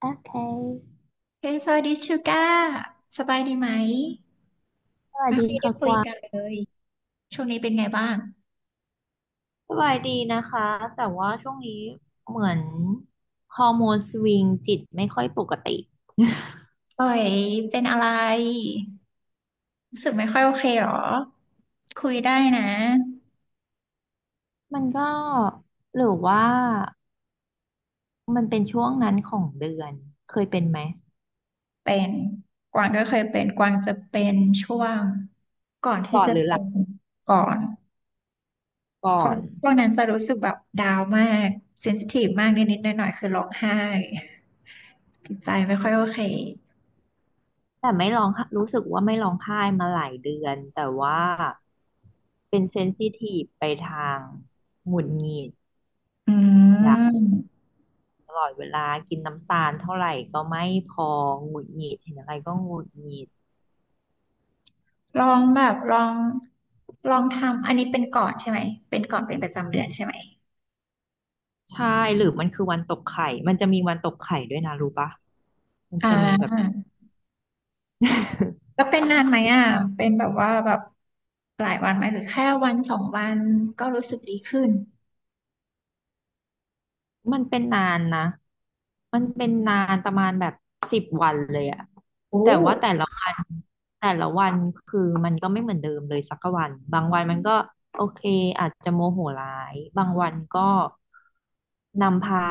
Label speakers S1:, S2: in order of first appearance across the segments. S1: โอเค
S2: เฮ้ยสวัสดีชูก้าสบายดีไหม
S1: สวัส
S2: ไม่
S1: ดี
S2: ค่อยได้
S1: ค่ะ
S2: คุ
S1: ก
S2: ย
S1: วาง
S2: กันเลยช่วงนี้เป็นไงบ้าง
S1: สบายดีนะคะแต่ว่าช่วงนี้เหมือนฮอร์โมนสวิงจิตไม่ค่อยปกติ
S2: ป่อยเป็นอะไรรู้สึกไม่ค่อยโอเคเหรอคุยได้นะ
S1: มันก็หรือว่ามันเป็นช่วงนั้นของเดือน เคยเป็นไหม
S2: เป็นกวางก็เคยเป็นกวางจะเป็นช่วงก่อนที่
S1: ก่อน
S2: จะ
S1: หรือห
S2: เป็
S1: ลัง
S2: นก่อนเพ
S1: ก่อ
S2: ราะ
S1: น
S2: ช่วงนั้นจะรู้สึกแบบดาวน์มากเซนซิทีฟมากนิดๆหน่อยๆคือร้องไห้จิตใจไม่ค่อยโอเค
S1: แต่ไม่ร้องไห้รู้สึกว่าไม่ร้องไห้มาหลายเดือนแต่ว่าเป็นเซนซิทีฟไปทางหงุดหงิด
S2: อื
S1: อยาก
S2: ม
S1: ตลอดเวลากินน้ำตาลเท่าไหร่ก็ไม่พอหงุดหงิดเห็นอะไรก็หงุดหงิด
S2: ลองแบบลองลองทำอันนี้เป็นก่อนใช่ไหมเป็นก่อนเป็นประจำเดือนใช่ไหม
S1: ใช่หรือมันคือวันตกไข่มันจะมีวันตกไข่ด้วยนะรู้ปะมัน
S2: อ่
S1: จะมีแบบ
S2: า แล้วเป็นนานไหมอ่ะเป็นแบบว่าแบบหลายวันไหมหรือแค่วันสองวันก็รู้สึกดีขึ้น
S1: มันเป็นนานนะ มันเป็นนานประมาณแบบ10 วันเลยอะ
S2: โอ้
S1: แต่ว่าแต่ละวัน แต่ละวันคือมันก็ไม่เหมือนเดิมเลยสักวัน บางวันมันก็โอเคอาจจะโมโหร้าย บางวันก็นำพา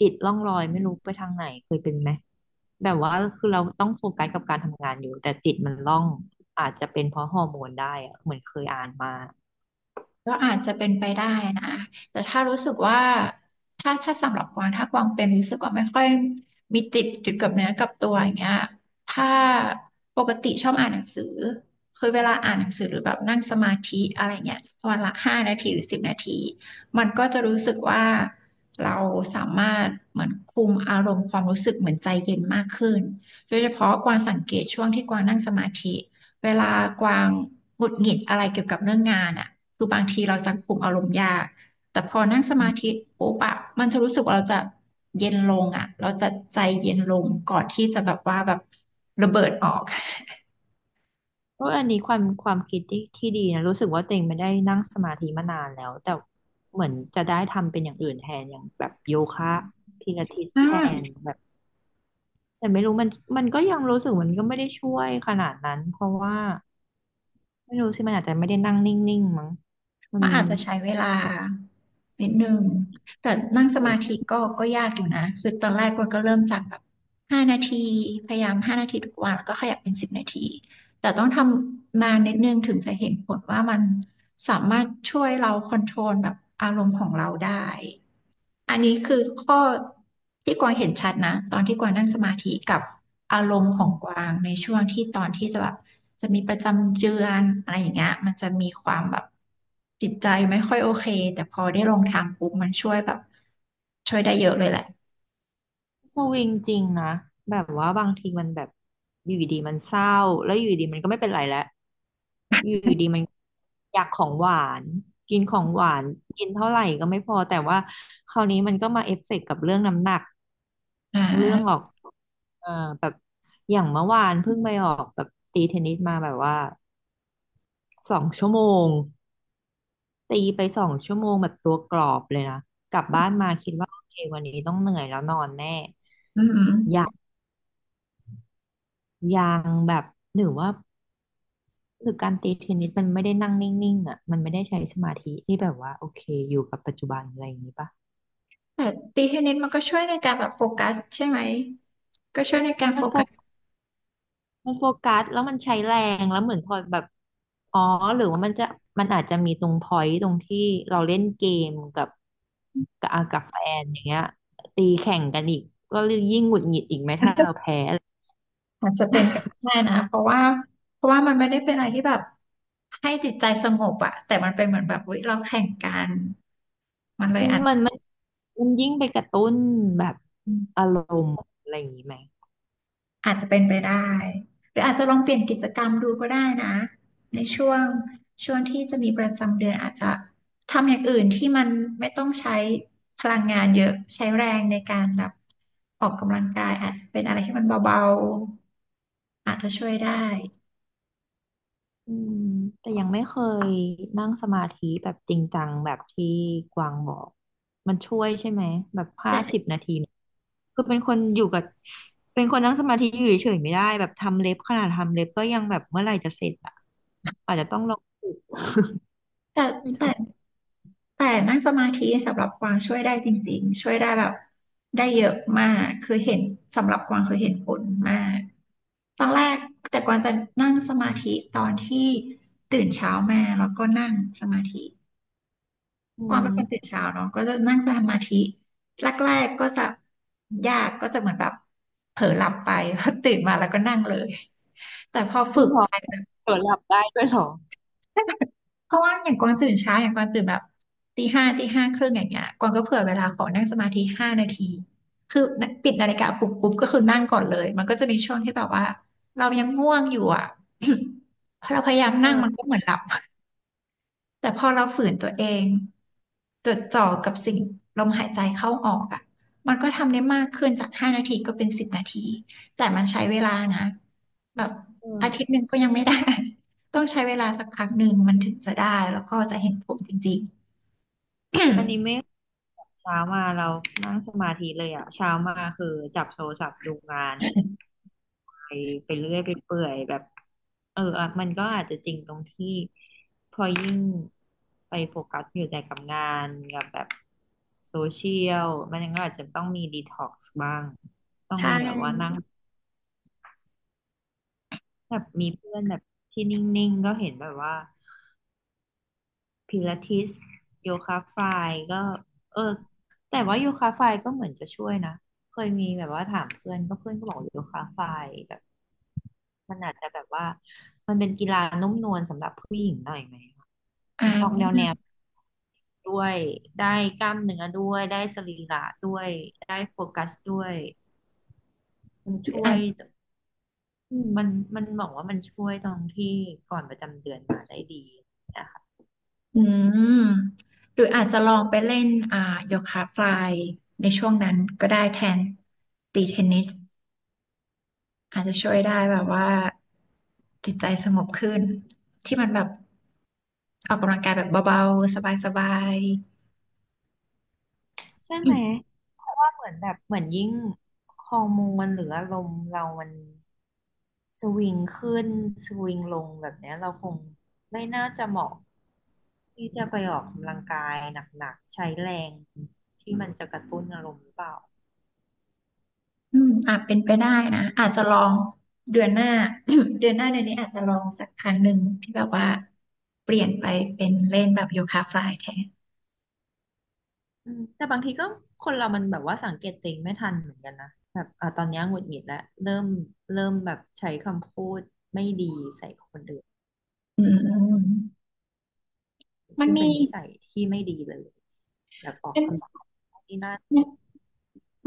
S1: จิตล่องลอยไม่รู้ไปทางไหนเคยเป็นไหม แบบว่าคือเราต้องโฟกัสกับการทำงานอยู่แต่จิตมันล่องอาจจะเป็นเพราะฮอร์โมนได้อะเหมือนเคยอ่านมา
S2: ก็อาจจะเป็นไปได้นะ แต่ถ้ารู้สึกว่า ถ้าสำหรับกวางถ้ากวางเป็นรู้สึกว่าไม่ค่อยมีจิตจุดกับเนื้อกับตัวอย่างเงี้ยถ้าปกติชอบอ่านหนังสือคือเวลาอ่านหนังสือหรือแบบนั่งสมาธิอะไรเงี้ยวันละห้านาทีหรือสิบนาทีมันก็จะรู้สึกว่าเราสามารถเหมือนคุมอารมณ์ความรู้สึกเหมือนใจเย็นมากขึ้นโดยเฉพาะกวางสังเกตช่วงที่กวางนั่งสมาธิเวลากวางหงุดหงิดอะไรเกี่ยวกับเรื่องงานอ่ะ คือบางทีเราจะคุมอารมณ์ยากแต่พอนั่งสมาธิปุ๊บอะมันจะรู้สึกว่าเราจะเย็นลงอะเราจะใจเย็นลงก่อนที่จะแบบว่าแบบระเบิดออก
S1: ก็อออันนี้ความคิดที่ดีนะรู้สึกว่าตัวเองไม่ได้นั่งสมาธิมานานแล้วแต่เหมือนจะได้ทำเป็นอย่างอื่นแทนอย่างแบบโยคะพิลาทิส
S2: อ่า
S1: แทนแบบแต่ไม่รู้มันมันก็ยังรู้สึกมันก็ไม่ได้ช่วยขนาดนั้นเพราะว่าไม่รู้สิมันอาจจะไม่ได้นั่งนิ่งๆมั้งมั
S2: มันอาจจะใช้เวลานิดนึงแต่นั่งสมาธิก็ยากอยู่นะคือตอนแรกก็เริ่มจากแบบห้านาทีพยายามห้านาทีทุกวันแล้วก็ขยับเป็นสิบนาที แต่ต้องทำนานนิดนึงถึงจะเห็นผลว่ามันสามารถช่วยเราคอนโทรลแบบอารมณ์ของเราได้อันนี้คือข้อที่กวางเห็นชัดนะตอนที่กวางนั่งสมาธิกับอารมณ์ของ
S1: น
S2: กวางในช่วงที่ตอนที่จะแบบจะมีประจำเดือนอะไรอย่างเงี้ยมันจะมีความแบบจิตใจไม่ค่อยโอเคแต่พอได้ลองทางปุ๊บมันช่วยแบบช่วยได้เยอะเลยแหละ
S1: สวิงจริงนะแบบว่าบางทีมันแบบอยู่ดีๆมันเศร้าแล้วอยู่ดีๆมันก็ไม่เป็นไรแล้วอยู่ดีๆมันอยากของหวานกินของหวานกินเท่าไหร่ก็ไม่พอแต่ว่าคราวนี้มันก็มาเอฟเฟกต์กับเรื่องน้ำหนัก
S2: อ่
S1: เรื่องอ
S2: า
S1: อกเอ่อแบบอย่างเมื่อวานเพิ่งไปออกแบบตีเทนนิสมาแบบว่าสองชั่วโมงตีไปสองชั่วโมงแบบตัวกรอบเลยนะกลับบ้านมาคิดว่าโอเควันนี้ต้องเหนื่อยแล้วนอนแน่
S2: อืม
S1: ยังแบบหรือว่าหรือการตีเทนนิสมันไม่ได้นั่งนิ่งๆอ่ะมันไม่ได้ใช้สมาธิที่แบบว่าโอเคอยู่กับปัจจุบันอะไรอย่างนี้ปะ
S2: แต่ตีเทนนิสมันก็ช่วยในการแบบโฟกัสใช่ไหมก็ช่วยในการ
S1: มั
S2: โฟ
S1: นโฟ
S2: กัส
S1: มันโฟกัสแล้วมันใช้แรงแล้วเหมือนพอแบบอ๋อหรือว่ามันจะมันอาจจะมีตรงพอยต์ตรงที่เราเล่นเกมกับกับอ่ะกับแฟนอย่างเงี้ยตีแข่งกันอีกก็ยิ่งหงุดหงิดอีกไหมถ้าเราแพ้อะไร
S2: อาจจะเป็นไปได้นะเพราะว่ามันไม่ได้เป็นอะไรที่แบบให้จิตใจสงบอะแต่มันเป็นเหมือนแบบเราแข่งกันมันเลยอาจจะ
S1: มันมันมันยิ่งไปกระตุ้นแบบอารมณ์อะไรอย่างนี้ไหม
S2: อาจจะเป็นไปได้หรืออาจจะลองเปลี่ยนกิจกรรมดูก็ได้นะในช่วงที่จะมีประจำเดือนอาจจะทำอย่างอื่นที่มันไม่ต้องใช้พลังงานเยอะใช้แรงในการแบบออกกำลังกายอาจจะเป็นอะไรที่มันเบาๆอาจจะช่วยได้
S1: อืมแต่ยังไม่เคยนั่งสมาธิแบบจริงจังแบบที่กวางบอกมันช่วยใช่ไหมแบบห้าสิบ
S2: แต่
S1: นาทีเนี่ยคือเป็นคนอยู่กับเป็นคนนั่งสมาธิอยู่เฉยๆไม่ได้แบบทำเล็บขนาดทำเล็บก็ยังแบบเมื่อไหร่จะเสร็จอ่ะอาจจะต้องลองฝึก
S2: แต่
S1: ไม่
S2: แต่
S1: รู้
S2: แต่นั่งสมาธิสำหรับกวางช่วยได้จริงๆช่วยได้แบบได้เยอะมากคือเห็นสำหรับกวางคือเห็นผลมากตอนแรกแต่กวางจะนั่งสมาธิตอนที่ตื่นเช้ามาแล้วก็นั่งสมาธิ
S1: อื
S2: กวางเป็น
S1: ม
S2: คนตื่นเช้าเนาะก็จะนั่งสมาธิแรกๆก็จะยากก็จะเหมือนแบบเผลอหลับไป พอตื่นมาแล้วก็นั่งเลยแต่พอฝึ
S1: ซึ่ง
S2: ก
S1: พอ
S2: ไป
S1: เผลอหลับได้ด้วยเหรอ
S2: เพราะว่าอย่างกวางตื่นเช้าอย่างกวางตื่นแบบตีห้าตี 5 ครึ่งอย่างเงี้ยกวางก็เผื่อเวลาขอนั่งสมาธิห้านาทีคือปิดนาฬิกาปลุกปุ๊บก็คือนั่งก่อนเลยมันก็จะมีช่วงที่แบบว่าเรายังง่วงอยู่อ่ะ พอเราพยายามนั่งมัน
S1: เออ
S2: ก็เหมือนหลับ แต่พอเราฝืนตัวเองจดจ่อกับสิ่งลมหายใจเข้าออกอ่ะมันก็ทำได้มากขึ้นจากห้านาทีก็เป็นสิบนาทีแต่มันใช้เวลานะแบบอาทิต
S1: เออ
S2: ย์หนึ่งก็ยังไม่ได้ ต้องใช้เวลาสักพักหนึ่งมันถึงจะได้แล้วก็จะเห็นผลจริงๆ
S1: อันนี้ไม่เช้ามาเรานั่งสมาธิเลยอ่ะเช้ามาคือจับโทรศัพท์ดูงาน ไปไปเรื่อยไปเปื่อยแบบเอออ่ะมันก็อาจจะจริงตรงที่พอยิ่งไปโฟกัสอยู่แต่กับงานกับแบบโซเชียลมันก็อาจจะต้องมีดีท็อกซ์บ้างต้อง
S2: ใช่
S1: มีแบบว่านั่งแบบมีเพื่อนแบบที่นิ่งๆก็เห็นแบบว่า พิลาทิสโยคะฟลายก็เออแต่ว่าโยคะฟลายก็เหมือนจะช่วยนะเคยมีแบบว่าถามเพื่อนก็เพื่อนก็บอกโยคะฟลายแบบมันอาจจะแบบว่ามันเป็นกีฬานุ่มนวลสำหรับผู้หญิงหน่อยไหมคะออกแน
S2: อ่า
S1: วแนวด้วยได้กล้ามเนื้อด้วยได้สรีระด้วยได้โฟกัสด้วยมัน
S2: หรือ
S1: ช่ว
S2: อา
S1: ย
S2: จ
S1: อืมมันมันบอกว่ามันช่วยตรงที่ก่อนประจำเดือนมาได้ดี
S2: อืมหรืออาจจะลองไปเล่นโยคะฟลายในช่วงนั้นก็ได้แทนตีเทนนิส อาจจะช่วยได้แบบว่าจิตใจสงบขึ้นที่มันแบบออกกำลังกายแบบเบาๆสบาย
S1: ใช่
S2: ๆอื
S1: ไหม
S2: ม
S1: เพราะว่าเหมือนแบบเหมือนยิ่งฮอร์โมนหรืออารมณ์เรามันสวิงขึ้นสวิงลงแบบเนี้ยเราคงไม่น่าจะเหมาะที่จะไปออกกำลังกายหนักๆใช้แรงที่มันจะกระตุ้นอารมณ์หรือเปล่า
S2: อมอาจเป็นไปได้นะอาจจะลองเดือนหน้า เดือนหน้าเดือนนี้อาจจะลองสักครั้งหนึ่งที่แบบว่าเปลี่ยนไปเป็นเล่นแบบโยคะฟลายแทน
S1: อืมแต่บางทีก็คนเรามันแบบว่าสังเกตตัวเองไม่ทันเหมือนกันนะแบบอ่ะตอนเนี้ยหงุดหงิดแล้วเริ่มเริ่มแบบใช้คำพูดไม่ดีใส่คนอื่น
S2: อืมมัน
S1: ซึ่ง
S2: มี
S1: เป็นนิสัยที่ไม่ดีเลยแบบออกคำสั่งนี่นน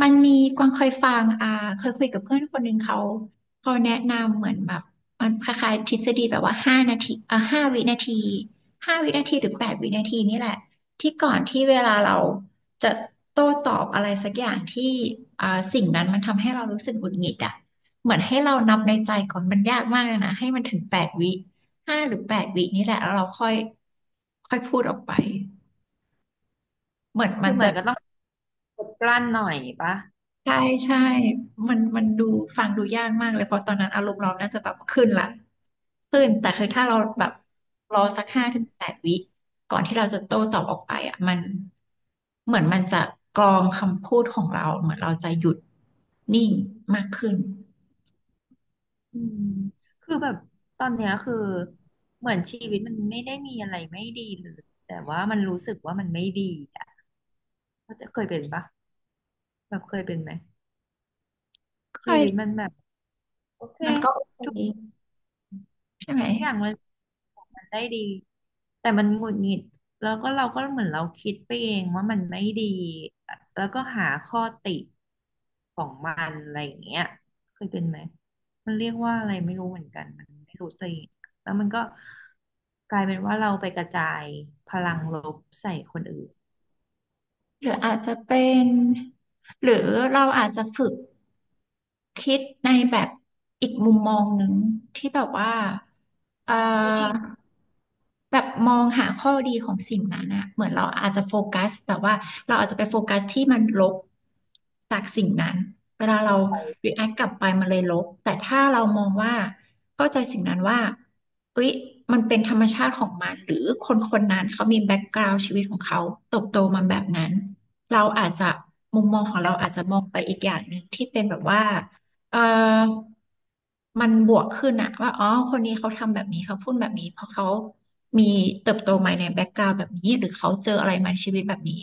S2: มันมีกวางเคยฟังเคยคุยกับเพื่อนคนหนึ่งเขาแนะนำเหมือนแบบมันคล้ายๆทฤษฎีแบบว่าห้าวินาทีห้าวินาทีหรือ8 วินาทีนี่แหละที่ก่อนที่เวลาเราจะโต้ตอบอะไรสักอย่างที่อ่าสิ่งนั้นมันทำให้เรารู้สึกหงุดหงิดอ่ะเหมือนให้เรานับในใจก่อนมันยากมากเลยนะให้มันถึงแปดวิ5 หรือ 8 วินี่แหละแล้วเราค่อยค่อยพูดออกไปเหมือนมั
S1: คือ
S2: น
S1: เหมื
S2: จะ
S1: อนก็ต้องอดกลั้นหน่อยปะ
S2: ใช่ใช่มันดูฟังดูยากมากเลยเพราะตอนนั้นอารมณ์เราน่าจะแบบขึ้นละขึ้นแต่คือถ้าเราแบบรอสักห้า
S1: อื
S2: ถึง
S1: ม
S2: แปดวิก่อนที่เราจะโต้ตอบออกไปอ่ะมันเหมือนมันจะกรองคำพูดของเราเหมือนเราจะหยุดนิ่งมากขึ้น
S1: อืมคือแบบตอนเนี้ยคือเหมือนชีวิตมันไม่ได้มีอะไรไม่ดีเลย แต่ว่ามันรู้สึกว่ามันไม่ดีอ่ะก็จะเคยเป็นปะแบบเคยเป็นไหม
S2: ค่อ
S1: ชี
S2: ย
S1: วิตมันแบบโอเค
S2: มันก็โอเคใช่ไหม
S1: ทุกอย่างมันมันได้ดีแต่มันหงุดหงิดแล้วก็เราก็เหมือนเราคิดไปเองว่ามันไม่ดีแล้วก็หาข้อติของมันอะไรอย่างเงี้ยเคยเป็นไหมมันเรียกว่าอะไรไม่รู้เหมือนกันมันไม่รู้ตัวเองแล้วมันก็กลายเป็นว่าเราไปกระจายพลังลบใส่คนอื่น
S2: หรืออาจจะเป็นหรือเราอาจจะฝึก คิดในแบบอีกมุมมองหนึ่งที่แบบว่าเอ่อ
S1: นี่ดีนะ
S2: แบบมองหาข้อดีของสิ่งนั้นอะเหมือนเราอาจจะโฟกัสแบบว่าเราอาจจะไปโฟกัสที่มันลบจากสิ่งนั้นเวลาเรา react กลับไปมันเลยลบแต่ถ้าเรามองว่าเข้าใจสิ่งนั้นว่าเอ้ยมันเป็นธรรมชาติของมันหรือคนคนนั้นเขามีแบ็กกราวด์ชีวิตของเขาเติบโตมาแบบนั้นเราอาจจะมุมมองของเราอาจจะมองไปอีกอย่างหนึ่งที่เป็นแบบว่า เออมันบวกขึ้นอะว่าอ๋อคนนี้เขาทำแบบนี้เขาพูดแบบนี้เพราะเขามีเติบโตมาในแบ็กกราวด์แบบนี้หรือเขาเจออะไรมาในชีวิตแบบนี้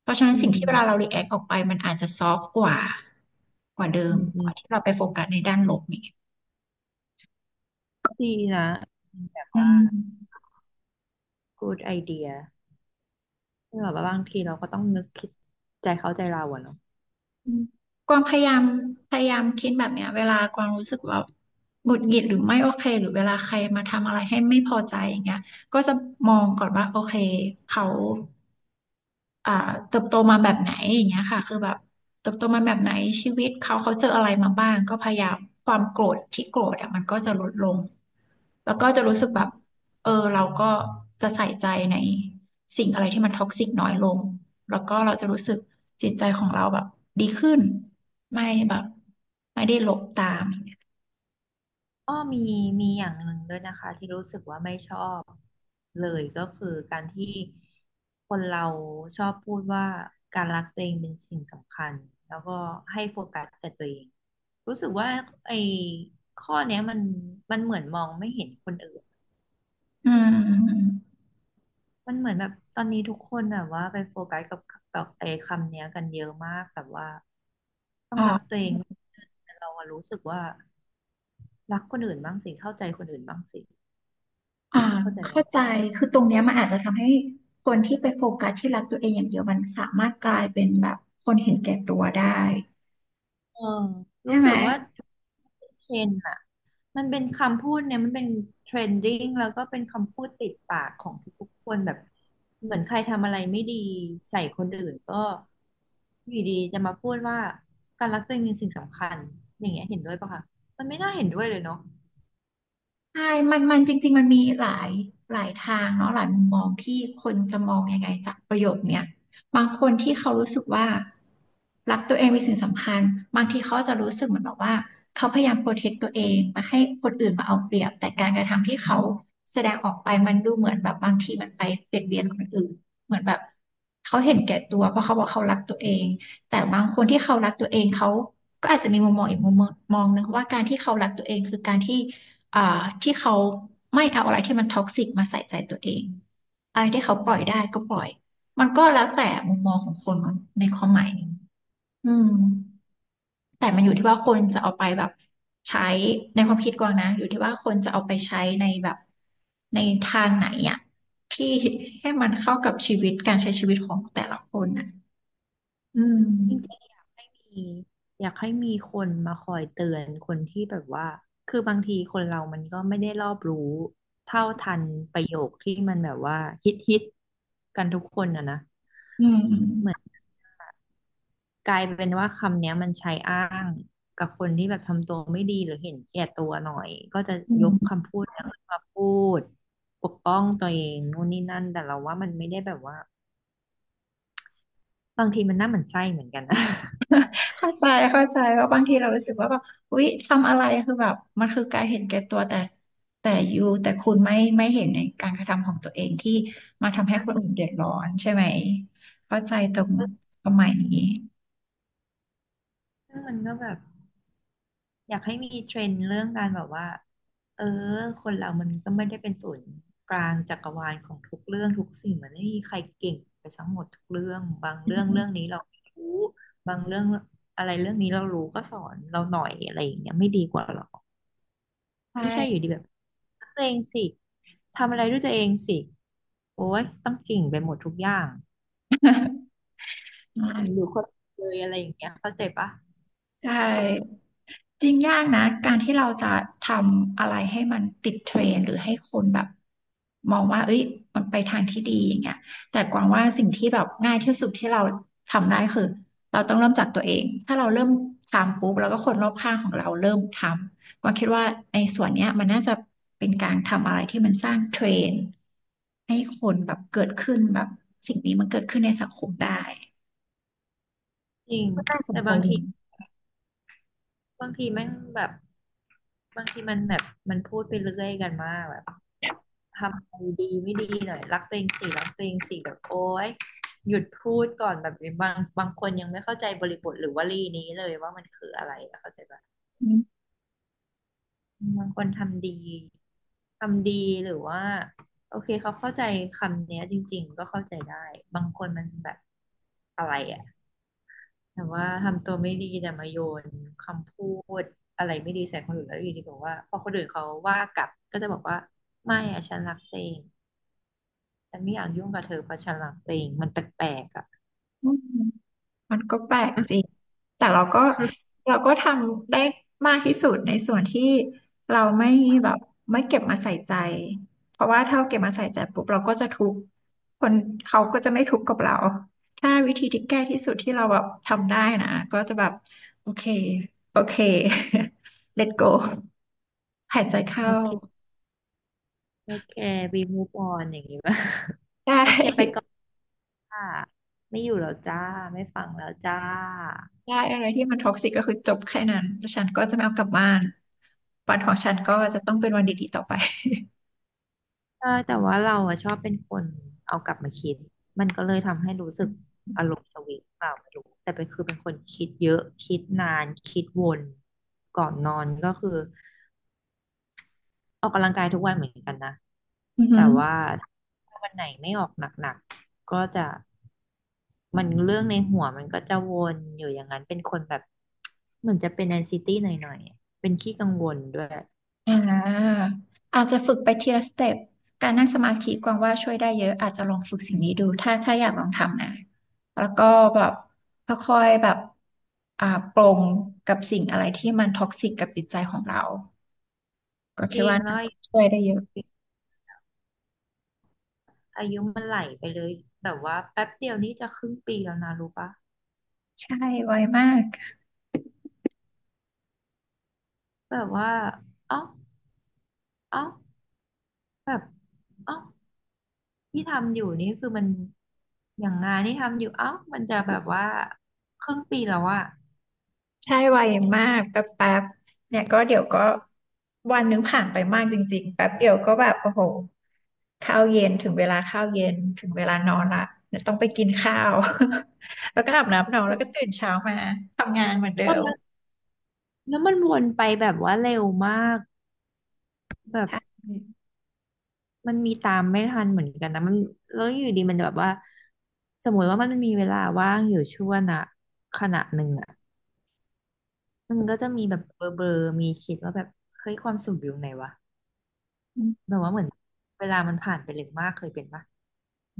S2: เพราะฉะนั้
S1: อื
S2: นสิ่งที่เวลาเรา
S1: ม
S2: รีแอคออกไปมันอาจจะซอฟต์กว่ากว่าเดิ
S1: อื
S2: ม
S1: มอื
S2: ก
S1: ม
S2: ว่าที่เราไปโฟกัสในด้านลบอย่างเงี้ย
S1: ดีนะ
S2: อืม
S1: good idea ที่แบบว่าบางทีเราก็ต้องนึกคิดใจเขาใจเราอะเนาะ
S2: อืมกวางพยายามคิดแบบเนี้ยเวลากวางรู้สึกว่าหงุดหงิดหรือไม่โอเคหรือเวลาใครมาทำอะไรให้ไม่พอใจอย่างเงี้ยก็จะมองก่อนว่าโอเคเขา อ่าเติบโตมาแบบไหนอย่างเงี้ยค่ะคือแบบเติบโตมาแบบไหนชีวิตเขาเจออะไรมาบ้างก็พยายามความโกรธที่โกรธอ่ะมันก็จะลดลงแล้วก็จะรู้สึกแบบเออเราก็จะใส่ใจในสิ่งอะไรที่มันท็อกซิกน้อยลงแล้วก็เราจะรู้สึกจิตใจของเราแบบดีขึ้นไม่แบบไม่ได้หลบตาม
S1: ก็มีมีอย่างหนึ่งด้วยนะคะที่รู้สึกว่าไม่ชอบเลยก็คือการที่คนเราชอบพูดว่าการรักตัวเองเป็นสิ่งสำคัญแล้วก็ให้โฟกัสแต่ตัวเองรู้สึกว่าไอ้ข้อเนี้ยมันมันเหมือนมองไม่เห็นคนอื่น
S2: อืม
S1: มันเหมือนแบบตอนนี้ทุกคนแบบว่าไปโฟกัสกับกับไอ้คำเนี้ยกันเยอะมากแบบว่าต้องรักตั
S2: ค่ะ
S1: วเองแต่เราอะรู้สึกว่ารักคนอื่นบ้างสิเข้าใจคนอื่นบ้างสิ
S2: อ่า
S1: เข้าใจไหม
S2: เข้าใจคือตรงเนี้ยมันอาจจะทำให้คนที่ไปโฟกัสที่รักตัวเองอย่างเดียวมันสามารถกลายเป็นแบบคนเห็นแก่ตัวได้
S1: เออ
S2: ใช่
S1: รู้
S2: ไหม
S1: สึกว่าเทรนด์อะมันเป็นคำพูดเนี่ยมันเป็นเทรนดิ้งแล้วก็เป็นคำพูดติดปากของทุกๆคนแบบเหมือนใครทำอะไรไม่ดีใส่คนอื่นก็อยู่ดีจะมาพูดว่าการรักตัวเองเป็นสิ่งสำคัญอย่างเงี้ยเห็นด้วยปะคะมันไม่น่าเห็นด้วยเลยเนาะ
S2: ใช่มันจริงๆมันมีหลายทางเนาะหลายมุมมองที่คนจะมองยังไงจากประโยคเนี้ยบางคนที่เขารู้สึกว่ารักตัวเองเป็นสิ่งสำคัญบางทีเขาจะรู้สึกเหมือนแบบว่าเขาพยายามโปรเทคตัวเองไมาให้คนอื่นมาเอาเปรียบแต่การกระทำที่เขาแสดงออกไปมันดูเหมือนแบบบางทีมันไปเบียดเบียนคนอื่นเหมือนแบบเขาเห็นแก่ตัวเพราะเขาบอกเขารักตัวเองแต่บางคนที่เขารักตัวเองเขาก็อาจจะมีมุมมองอีกมุมมองหนึงว่าการที่เขารักตัวเองคือการที่ อ่าที่เขาไม่เอาอะไรที่มันท็อกซิกมาใส่ใจตัวเองอะไรที่เขา
S1: อื
S2: ปล่อยได้
S1: ม
S2: ก็ปล่อยมันก็แล้วแต่มุมมองของคนในความหมายนี้อืมแต่มันอยู่ที่ว่าคนจะเอาไปแบบใช้ในความคิดกวางนะอยู่ที่ว่าคนจะเอาไปใช้ในแบบในทางไหนอะที่ให้มันเข้ากับชีวิตการใช้ชีวิตของแต่ละคนอะอื
S1: จริ
S2: ม
S1: งๆอยากให้มีอยากให้มีคนมาคอยเตือนคนที่แบบว่าคือบางทีคนเรา มันก็ไม่ได้รอบรู้เท่าทันประโยคที่มันแบบว่าฮิตฮิตกันทุกคนอะนะ
S2: อื
S1: เหมือน
S2: ม
S1: กลายเป็นว่าคำเนี้ยมันใช้อ้างกับคนที่แบบทำตัวไม่ดีหรือเห็นแก่ตัวหน่อยก็จะ
S2: อื
S1: ยกคำ
S2: ม
S1: พูดนั้นมาพูดปกป้องตัวเองนู่นนี่นั่นแต่เราว่ามันไม่ได้แบบว่าบางทีมันน่าหมั่นไส้เหมือนกันนะ
S2: เข้าใจเข้าใจว่าบางทีเรารู้สึกว่าแบบอุ๊ยทำอะไรคือแบบมันคือการเห็นแก่ตัวแต่ยูแต่คุณไม่เห็นในการกระทำของตัวเองที่มาทำให้คนอื่นเดือดร้อนใช่ไหมเข้าใจตรงประมาณนี้
S1: ซึ่งมันก็แบบ อยากให้มีเทรนด์เรื่องการแบบว่าเออคนเรามันก็ไม่ได้เป็นศูนย์กลางจักรวาลของทุกเรื่องทุกสิ่งมันไม่มีใครเก่งไปทั้งหมดทุกเรื่องบาง
S2: อื
S1: เรื่องเรื่อง
S2: ม
S1: นี้เราไม่รู้บางเรื่องอะไรเรื่องนี้เรารู้ก็สอนเราหน่อยอะไรอย่างเงี้ยไม่ดีกว่าหรอไม่ใช่อ
S2: ใช่
S1: ยู่ดีแบบรักตัวเองสิทำอะไรด้วยตัวเองสิโอ้ยต้องเก่งไปหมดทุกอย่างอยู่คนเดียวเลยอะไรอย่างเงี้ยเข้าใจปะ
S2: ใช่ จริงยากนะการที่เราจะทำอะไรให้มันติดเทรนด์หรือให้คนแบบมองว่าเอ้ยมันไปทางที่ดีอย่างเงี้ยแต่กวางว่าสิ่งที่แบบง่ายที่สุดที่เราทำได้คือเราต้องเริ่มจากตัวเองถ้าเราเริ่มทำปุ๊บแล้วก็คนรอบข้างของเราเริ่มทำกวางคิดว่าในส่วนเนี้ยมันน่าจะเป็นการทำอะไรที่มันสร้างเทรนด์ให้คนแบบเกิดขึ้นแบบสิ่งนี้มันเกิดขึ้นในสังคมได้
S1: จริง
S2: ก็น่าสน
S1: แต่
S2: ใจ
S1: บาง
S2: ดี
S1: ที บางทีแม่งแบบบางทีมันแบบมันพูดไปเรื่อยกันมากแบบทำอะไรดีไม่ดีหน่อยรักตัวเองสิรักตัวเองสิแบบโอ๊ยหยุดพูดก่อนแบบบางบางคนยังไม่เข้าใจบริบทหรือวลีนี้เลยว่ามันคืออะไรอะเข้าใจปะ
S2: อ
S1: บางคนทำดีทำดีหรือว่าโอเคเขาเข้าใจคำเนี้ยจริงๆก็เข้าใจได้บางคนมันแบบอะไรอะ แต่ว่าทำตัวไม่ดีแต่มาโยนคำพูดอะไรไม่ดีใส่คนอื่นแล้วอยู่ดีบอกว่าพอคนอื่นเขาว่ากลับก็จะบอกว่าไม่อะฉันรักตัวเองฉันไม่อยากยุ่งกับเธอเพราะฉันรักตัวเองมันแปลกๆอ่ะ
S2: ืม มันก็แปลกจริงแต่เราก็ทำได้มากที่สุดในส่วนที่เราไม่แบบไม่เก็บมาใส่ใจ เพราะว่าถ้าเราเก็บมาใส่ใจปุ๊บเราก็จะทุกข์คนเขาก็จะไม่ทุกข์กับเราถ้าวิธีที่แก้ที่สุดที่เราแบบทำได้นะก็จะแบบโอเคโอเค let go หายใจ
S1: โอ
S2: เข้า
S1: เคโอเคบีมูฟออนอย่างนี้ป่ะ
S2: ได้
S1: โอเคไปก่อนค่ะไม่อยู่แล้วจ้าไม่ฟังแล้วจ้า
S2: ได้อะไรที่มันท็อกซิกก็คือจบแค่นั้นแล้วฉันก็จะไม่เอากลับบ้านวันของฉันก็จะต้องเป็นวันดีๆต่อไป
S1: ใช่แต่ว่าเราอะชอบเป็นคนเอากลับมาคิดมันก็เลยทำให้รู้สึกอารมณ์สวิงเปล่าไม่รู้แต่เป็นคือเป็นคนคิดเยอะคิดนานคิดวนก่อนนอนก็คือออกกำลังกายทุกวันเหมือนกันนะ
S2: อือฮึ
S1: แต่ว่าถ้าวันไหนไม่ออกหนักๆก็จะมันเรื่องในหัวมันก็จะวนอยู่อย่างนั้นเป็นคนแบบเหมือนจะเป็นแอนไอซิตี้หน่อยๆอะเป็นขี้กังวลด้วย
S2: อ่าอาจจะฝึกไปทีละสเต็ปการนั่งสมาธิกวางว่าช่วยได้เยอะอาจจะลองฝึกสิ่งนี้ดูถ้าอยากลองทำนะแล้วก็แบบค่อยๆแบบอ่าปลงกับสิ่งอะไรที่มันท็อกซิกกับจิตใจของเราก็
S1: จ
S2: คิด
S1: ริง
S2: ว่าน่า
S1: แล้ว
S2: จะช่วยได้เยอะ
S1: อายุมันไหลไปเลยแบบว่าแป๊บเดียวนี่จะครึ่งปีแล้วนะรู้ปะ
S2: ใช่ไวมาก
S1: แบบว่าเอ้าเอ้าแบบเอ้าที่ทำอยู่นี่คือมันอย่างงานที่ทำอยู่เอ้ามันจะแบบว่าครึ่งปีแล้วอะ
S2: ใช่ไวมากแป๊บแป๊บเนี่ยก็เดี๋ยวก็วันนึงผ่านไปมากจริงๆแป๊บเดียวก็แบบโอ้โหข้าวเย็นถึงเวลาข้าวเย็นถึงเวลานอนละเนี่ยต้องไปกินข้าว แล้วก็อาบน้ำนอนแล้วก็ตื่นเช้ามาทำงานเหมือนเดิ
S1: เออ
S2: ม
S1: แล้วแล้วมันวนไปแบบว่าเร็วมากแบบ
S2: ใช่อ
S1: มันมีตามไม่ทันเหมือนกันนะมันแล้วอยู่ดีมันแบบว่าสมมติว่ามันมีเวลาว่างอยู่ช่วงนะขณะหนึ่งอะมันก็จะมีแบบเบลอๆมีคิดว่าแบบเฮ้ยความสุขอยู่ไหนวะ
S2: ืม
S1: แบบว่าเหมือนเวลามันผ่านไปเร็วมากเคยเป็นปะ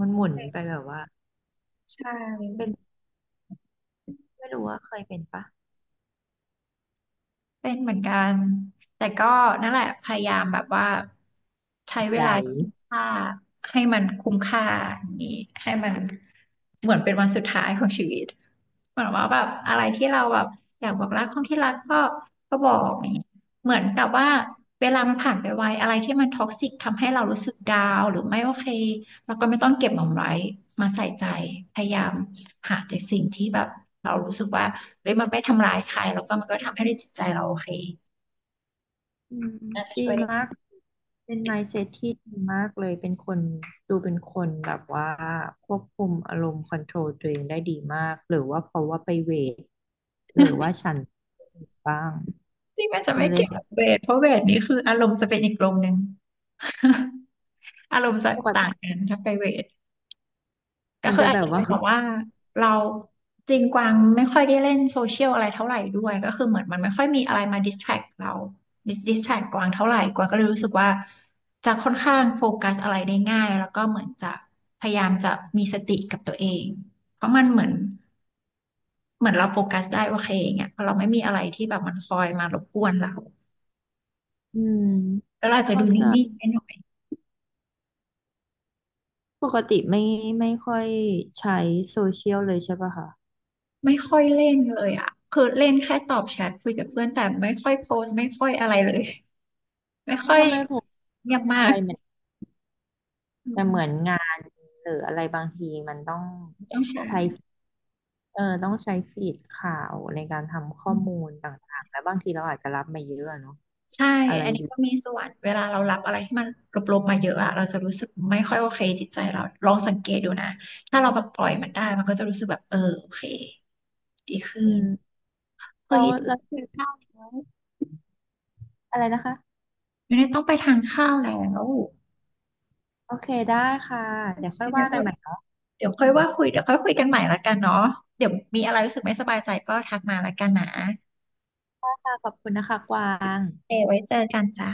S1: มันหมุนไปแบบว่า
S2: ใช
S1: เป็
S2: ่
S1: นไม่รู้ว่าเคยเป็นปะ
S2: เป็นเหมือนกัน แต่ก็นั่นแหละพยายามแบบว่าใช้เว
S1: ใจ
S2: ลาที่มีค่าให้มันคุ้มค่าอย่างนี้ให้มันเหมือนเป็นวันสุดท้ายของชีวิตเหมือนว่าแบบอะไรที่เราแบบอยากบอกรักคนที่รักก็ก็บอกอย่างนี้เหมือนกับว่าเวลามันผ่านไปไวอะไรที่มันท็อกซิกทำให้เรารู้สึกดาวน์หรือไม่โอเคเราก็ไม่ต้องเก็บมันไว้มาใส่ใจพยายามหาแต่สิ่งที่แบบเรารู้สึกว่า เฮ้ยมันไม่ทำร้ายใครแล้วก็มันก็ทำให้จิตใจเราโอเค
S1: อืม
S2: น่าจะ
S1: ดี
S2: ช่วยได้
S1: มากเป็น mindset ที่ดีมากเลยเป็นคนดูเป็นคนแบบว่าควบคุมอารมณ์คอนโทรลตัวเองได้ดีมากหรือว่าเพราะว่าไปเวทหรือว่าฉันบ้าง
S2: จริงมันจะ
S1: ฉั
S2: ไม่
S1: นเล่
S2: เกี่
S1: น
S2: ยว
S1: แบ
S2: กับเว
S1: บ
S2: ทเพราะเวทนี้คืออารมณ์จะเป็นอีกลมหนึ่ง อารมณ์จะ
S1: ปก
S2: ต่าง
S1: ติ
S2: กันถ้าไปเวทก็
S1: มัน
S2: คือ
S1: จะ
S2: อา
S1: แบ
S2: จจะ
S1: บ
S2: เป็
S1: ว่า
S2: นแบบว่าเราจริงกวางไม่ค่อยได้เล่นโซเชียลอะไรเท่าไหร่ด้วยก็คือเหมือนมันไม่ค่อยมีอะไรมาดิสแทรกเราดิสแทรกกวางเท่าไหร่กวางก็เลยรู้สึกว่าจะค่อนข้างโฟกัสอะไรได้ง่ายแล้วก็เหมือนจะพยายามจะมีสติกับตัวเองเพราะมันเหมือน เหมือนเราโฟกัสได้โอเคอย่างเงี้ยเพราะเราไม่มีอะไรที่แบบมันคอยมารบกวนเรา
S1: อืม
S2: แล้วเราอาจจะ
S1: เข้า
S2: ดู
S1: ใจ
S2: นิ่งๆไปหน่อย
S1: ปกติไม่ไม่ค่อยใช้โซเชียลเลยใช่ปะคะ
S2: ไม่ค่อยเล่นเลยอ่ะคือเล่นแค่ตอบแชทคุยกับเพื่อนแต่ไม่ค่อยโพสต์ไม่ค่อยอะไรเลย ไม่
S1: นี่
S2: ค่อย
S1: ก็ไม่พบ
S2: เงียบมา
S1: อะไร
S2: ก
S1: เหมือน
S2: อื
S1: แต่เห
S2: ม
S1: มือนงานหรืออะไรบางทีมันต้อง
S2: ต้องใช้
S1: ใช้เออต้องใช้ฟีดข่าวในการทำข้อมูลต่างๆแล้วบางทีเราอาจจะรับมาเยอะอะเนาะ
S2: ใช่
S1: อะไร
S2: อันนี้
S1: ดี
S2: ก็มีส่วนเวลาเรารับอะไรที่มันลบๆมาเยอะอะ เราจะรู้สึกไม่ค่อยโอเคจิตใจเราลองสังเกตดูนะถ้าเราแบบปล่อยมันได้มันก็จะรู้สึกแบบเออโอเคดีขึ้น
S1: อืมแล้
S2: เฮ้ย
S1: วราคิดอะไรนะคะ
S2: ไม่ได้ต้องไปทานข้าวแล้ว
S1: โอเคได้ค่ะเดี๋ยวค่อย
S2: ไม่ได้
S1: ว่า
S2: แบ
S1: กัน
S2: บ
S1: ใหม่เนาะ
S2: เดี๋ยวค่อยว่าคุยเดี๋ยวค่อยคุยกันใหม่ละกันเนาะเดี๋ยวมีอะไรรู้สึกไม่สบายใจก็ทักมาละกันนะ
S1: ค่ะขอบคุณนะคะกวาง
S2: เอไว้เจอกันจ้า